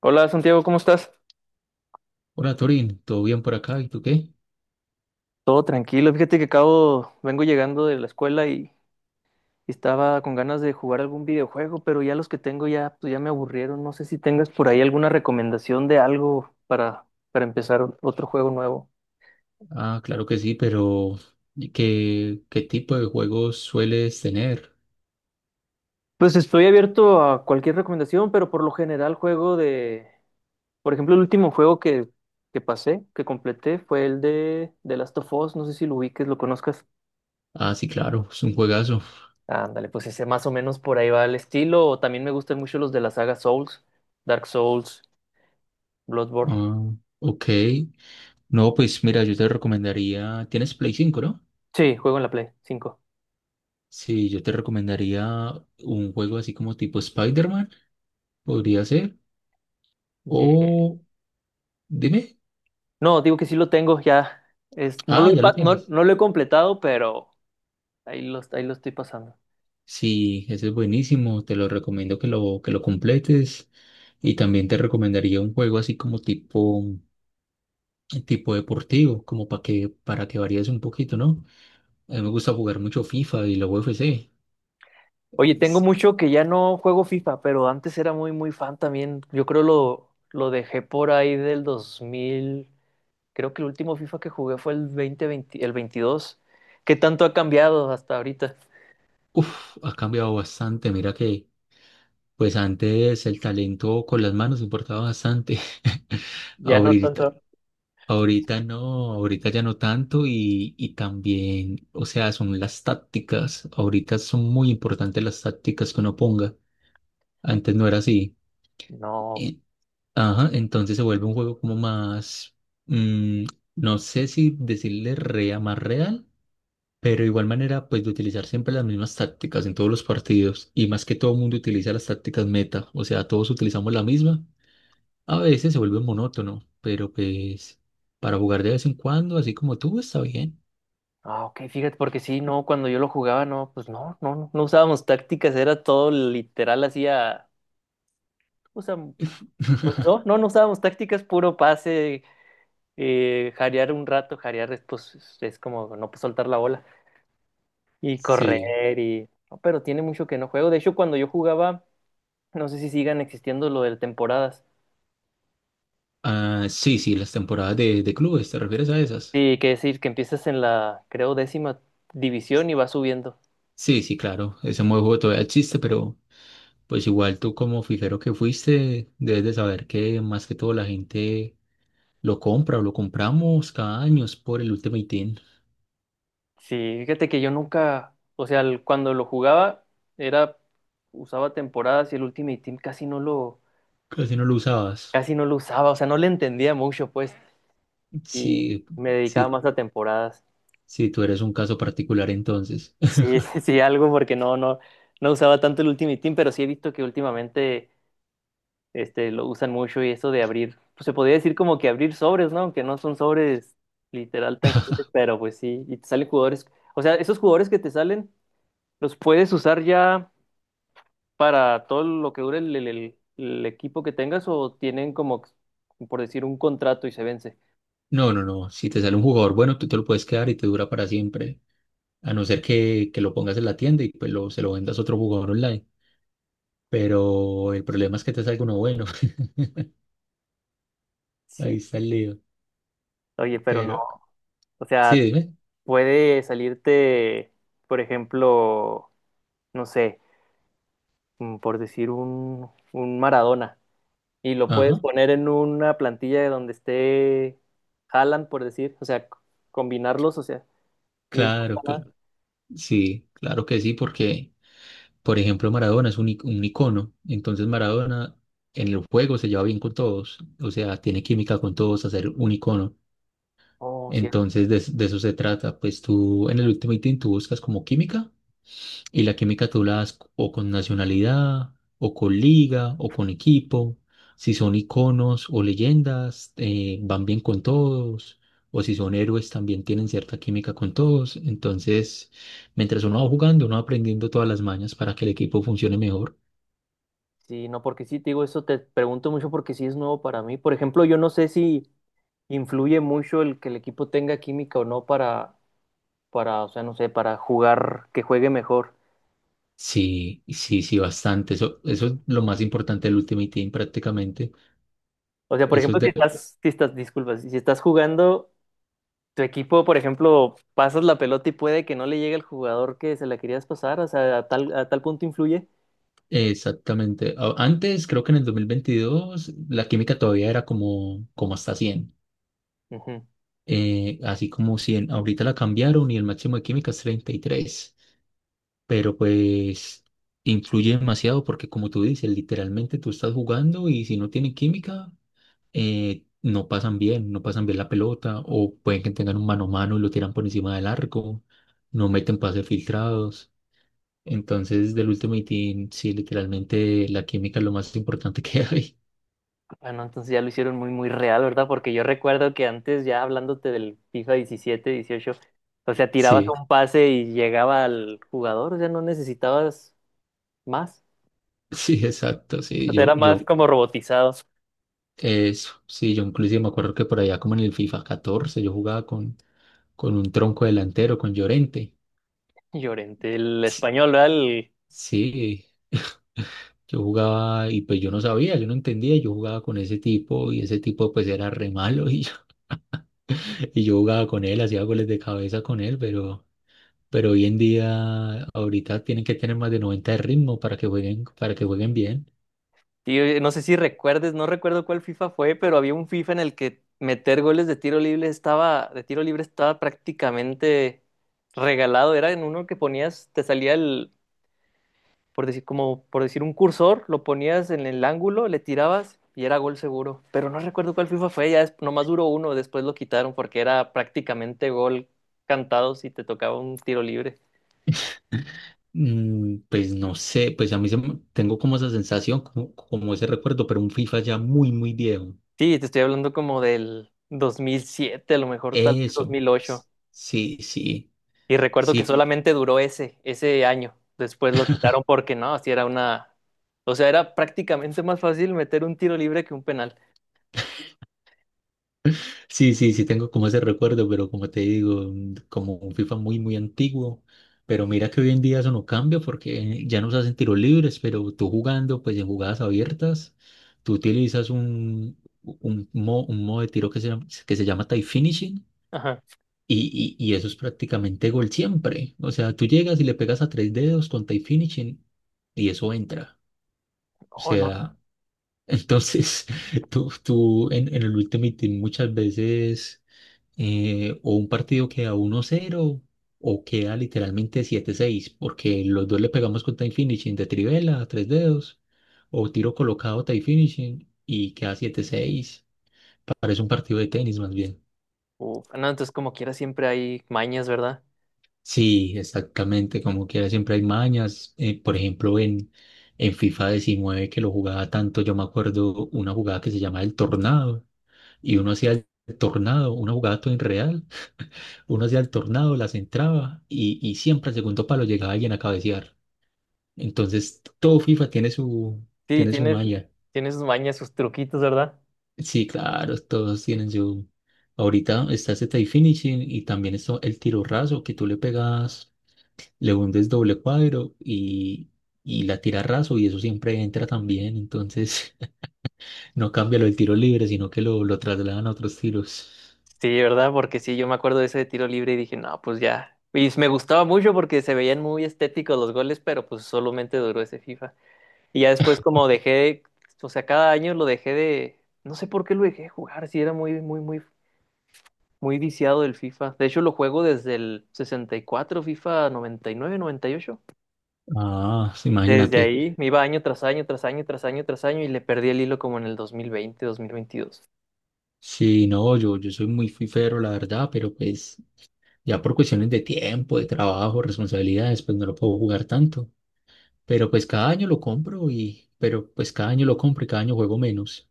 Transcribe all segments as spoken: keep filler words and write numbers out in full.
Hola Santiago, ¿cómo estás? Hola Torín, ¿todo bien por acá? ¿Y tú qué? Todo tranquilo. Fíjate que acabo, vengo llegando de la escuela y, y estaba con ganas de jugar algún videojuego, pero ya los que tengo ya, pues ya me aburrieron. No sé si tengas por ahí alguna recomendación de algo para, para empezar o- otro juego nuevo. Ah, claro que sí, pero ¿y ¿qué, qué tipo de juegos sueles tener? Pues estoy abierto a cualquier recomendación, pero por lo general juego de, por ejemplo, el último juego que, que pasé, que completé, fue el de The Last of Us. No sé si lo ubiques, lo conozcas. Ah, sí, claro, es un juegazo. Ándale, pues ese más o menos por ahí va el estilo. O también me gustan mucho los de la saga Souls, Dark Souls, Bloodborne. Ah, ok. No, pues mira, yo te recomendaría, tienes Play cinco, ¿no? Sí, juego en la Play cinco. Sí, yo te recomendaría un juego así como tipo Spider-Man, podría ser. Ye- O dime, No, digo que sí lo tengo ya. Es, no ah, lo he, ya lo pa- no, tienes. no lo he completado, pero ahí lo, ahí lo estoy pasando. Sí, ese es buenísimo, te lo recomiendo que lo, que lo completes. Y también te recomendaría un juego así como tipo tipo deportivo, como para que, para que varíes un poquito, ¿no? A mí me gusta jugar mucho FIFA y la U F C. Oye, tengo Es- mucho que ya no juego FIFA, pero antes era muy, muy fan también. Yo creo lo, lo dejé por ahí del dos mil. Creo que el último FIFA que jugué fue el dos mil veinte, el veintidós. ¿Qué tanto ha cambiado hasta ahorita? Uf, ha cambiado bastante. Mira que, pues antes el talento con las manos importaba bastante. Ya no Ahorita, tanto. ahorita no, ahorita ya no tanto y, y también, o sea, son las tácticas. Ahorita son muy importantes las tácticas que uno ponga. Antes no era así. No. Eh, Ajá, entonces se vuelve un juego como más, mm, no sé si decirle rea más real, pero de igual manera, pues de utilizar siempre las mismas tácticas en todos los partidos, y más que todo el mundo utiliza las tácticas meta, o sea, todos utilizamos la misma. A veces se vuelve monótono, pero pues para jugar de vez en cuando, así como tú, está bien. Ah, ok, fíjate, porque sí, no, cuando yo lo jugaba, no, pues no, no, no no usábamos tácticas, era todo literal, hacía, o sea, pues no, no, no usábamos tácticas, puro pase, eh, jarear un rato, jarear es, pues, es como no pues, soltar la bola y Sí, correr y, no, pero tiene mucho que no juego, de hecho, cuando yo jugaba, no sé si sigan existiendo lo de temporadas, ah, sí, sí, las temporadas de, de clubes, ¿te refieres a esas? sí, que decir, que empiezas en la, creo, décima división y vas subiendo. Sí, sí, claro, ese modo de juego todavía existe, pero pues igual tú como fijero que fuiste, debes de saber que más que todo la gente lo compra o lo compramos cada año es por el Ultimate Team. Sí, fíjate que yo nunca, o sea, el- cuando lo jugaba era usaba temporadas y el Ultimate Team casi no lo Casi no lo usabas. casi no lo usaba, o sea, no le entendía mucho, pues, y Sí, me dedicaba sí, más a temporadas. sí, tú eres un caso particular entonces. Sí, sí, sí, algo porque no no no usaba tanto el Ultimate Team, pero sí he visto que últimamente este lo usan mucho y eso de abrir, pues se podría decir como que abrir sobres, ¿no? Aunque no son sobres literal tangibles, pero pues sí, y te salen jugadores, o sea, esos jugadores que te salen los puedes usar ya para todo lo que dure el, el- el- el equipo que tengas, ¿o tienen como, por decir, un contrato y se vence? No, no, no. Si te sale un jugador bueno, tú te lo puedes quedar y te dura para siempre. A no ser que, que lo pongas en la tienda y pues lo, se lo vendas a otro jugador online. Pero el problema es que te salga uno bueno. Ahí Sí, está el lío. oye, pero no. Pero, O sí, sea, dime. puede salirte, por ejemplo, no sé, mm, por decir un, un Maradona y lo puedes Ajá. poner en una plantilla de donde esté Haaland, por decir, o sea, c- combinarlos, o sea, no importa Claro, nada. cl- Sí, claro que sí, porque, por ejemplo, Maradona es un, i- un icono. Entonces, Maradona en el juego se lleva bien con todos. O sea, tiene química con todos a ser un icono. Oh, cierto. Entonces, de, de eso se trata. Pues tú en el Ultimate Team tú buscas como química, y la química tú la das o con nacionalidad, o con liga, o con equipo. Si son iconos o leyendas, eh, van bien con todos. O si son héroes, también tienen cierta química con todos. Entonces, mientras uno va jugando, uno va aprendiendo todas las mañas para que el equipo funcione mejor. Sí, no, porque sí, te digo, eso te pregunto mucho porque sí es nuevo para mí. Por ejemplo, yo no sé si influye mucho el que el equipo tenga química o no para, para, o sea, no sé, para jugar, que juegue mejor. Sí, sí, sí, bastante. Eso, eso es lo más importante del Ultimate Team prácticamente. O sea, por Eso es ejemplo, si de estás, si estás, disculpas, si estás jugando, tu equipo, por ejemplo, pasas la pelota y puede que no le llegue al jugador que se la querías pasar, o sea, a tal, a tal punto influye. Exactamente. A- Antes, creo que en el dos mil veintidós la química todavía era como, como hasta cien, Ujú. eh, así como cien, ahorita la cambiaron y el máximo de química es treinta y tres, pero pues influye demasiado porque como tú dices, literalmente tú estás jugando y si no tienen química, eh, no pasan bien, no pasan bien la pelota, o pueden que tengan un mano a mano y lo tiran por encima del arco, no meten pases filtrados. Entonces, del Ultimate Team, sí, literalmente la química es lo más importante que hay. Bueno, entonces ya lo hicieron muy, muy real, ¿verdad? Porque yo recuerdo que antes, ya hablándote del FIFA diecisiete dieciocho, o sea, tirabas Sí, un pase y llegaba al jugador, o sea, no necesitabas más. sí, exacto, O sí, sea, yo, era más yo como robotizado. eso, sí, yo inclusive me acuerdo que por allá como en el FIFA catorce, yo jugaba con, con un tronco delantero, con Llorente. Llorente, el Sí, español, ¿verdad? El- sí, yo jugaba y pues yo no sabía, yo no entendía, yo jugaba con ese tipo y ese tipo pues era re malo y yo, y yo jugaba con él, hacía goles de cabeza con él, pero, pero hoy en día ahorita tienen que tener más de noventa de ritmo para que jueguen, para que jueguen bien. Y, eh, no sé si recuerdes, no recuerdo cuál FIFA fue, pero había un FIFA en el que meter goles de tiro libre estaba, de tiro libre estaba, prácticamente regalado. Era en uno que ponías, te salía el, por decir, como por decir un cursor, lo ponías en el ángulo, le tirabas y era gol seguro. Pero no recuerdo cuál FIFA fue, ya es- nomás duró uno, después lo quitaron porque era prácticamente gol cantado si te tocaba un tiro libre. Mm, Pues no sé, pues a mí se me- tengo como esa sensación, como, como ese recuerdo, pero un FIFA ya muy, muy viejo. Sí, te estoy hablando como del dos mil siete, a lo mejor tal vez dos Eso, mil ocho. sí, sí, Y recuerdo que sí, solamente duró ese, ese año. Después lo quitaron porque no, así era una. O sea, era prácticamente más fácil meter un tiro libre que un penal. sí, sí, sí, tengo como ese recuerdo, pero como te digo, mm, como un FIFA muy, muy antiguo, pero mira que hoy en día eso no cambia porque ya nos hacen tiros libres, pero tú jugando, pues en jugadas abiertas, tú utilizas un, un, mo- un modo de tiro que se llama, que se llama tie finishing Ajá. y, y, y eso es prácticamente gol siempre, o sea, tú llegas y le pegas a tres dedos con tie finishing y eso entra, o Oh, no. sea Entonces, tú, tú en, en el Ultimate Team muchas veces eh, o un partido queda uno cero o queda literalmente siete seis porque los dos le pegamos con time finishing de Trivela, tres dedos, o tiro colocado time finishing y queda siete seis. Parece un partido de tenis más bien. Uf, no, entonces como quiera siempre hay mañas, ¿verdad? Sí, exactamente, como quiera, siempre hay mañas. Eh, por ejemplo, en, en FIFA diecinueve que lo jugaba tanto, yo me acuerdo una jugada que se llama El Tornado y uno hacía el tornado, una jugada todo irreal, uno hacía el tornado, las entraba y, y siempre al segundo palo llegaba alguien a cabecear. Entonces, todo FIFA tiene su, Sí, tiene su tienes, malla. tienes sus mañas, sus truquitos, ¿verdad? Sí, claro, todos tienen su Ahorita está ese tie finishing y también está el tiro raso que tú le pegas, le hundes doble cuadro y, y la tira raso y eso siempre entra también. Entonces, no cambia lo del tiro libre, sino que lo, lo trasladan a otros tiros. Sí, ¿verdad? Porque sí, yo me acuerdo de ese de tiro libre y dije, no, pues ya. Y me gustaba mucho porque se veían muy estéticos los goles, pero pues solamente duró ese FIFA. Y ya después como dejé, o sea, cada año lo dejé de, no sé por qué lo dejé de jugar, si era muy, muy, muy, muy viciado del FIFA. De hecho, lo juego desde el sesenta y cuatro FIFA noventa noventa y nueve noventa y ocho. Ah, Desde imagínate. ahí me iba año tras año, tras año, tras año, tras año y le perdí el hilo como en el dos dos mil veinte dos mil veintidós. Sí, no, yo, yo soy muy fifero, la verdad, pero pues ya por cuestiones de tiempo, de trabajo, responsabilidades, pues no lo puedo jugar tanto. Pero pues cada año lo compro y, pero pues cada año lo compro y cada año juego menos.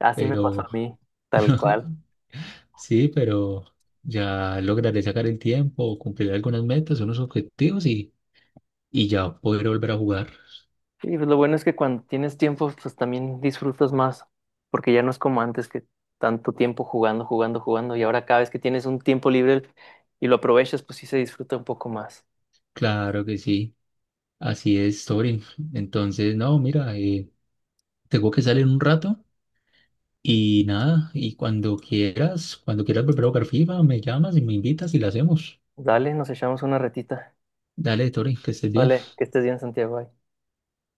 Así me pasó Pero a mí, tal cual. sí, pero ya lograré sacar el tiempo, cumplir algunas metas, unos objetivos y, y ya podré volver a jugar. Sí, pues lo bueno es que cuando tienes tiempo, pues también disfrutas más, porque ya no es como antes que tanto tiempo jugando, jugando, jugando, y ahora cada vez que tienes un tiempo libre y lo aprovechas, pues sí se disfruta un poco más. Claro que sí, así es, Torin. Entonces, no, mira, eh, tengo que salir un rato. Y nada, y cuando quieras, cuando quieras volver a jugar FIFA, me llamas y me invitas y la hacemos. Dale, nos echamos una retita. Dale, Tori, que estés bien. Dale, que estés bien, Santiago. Bye.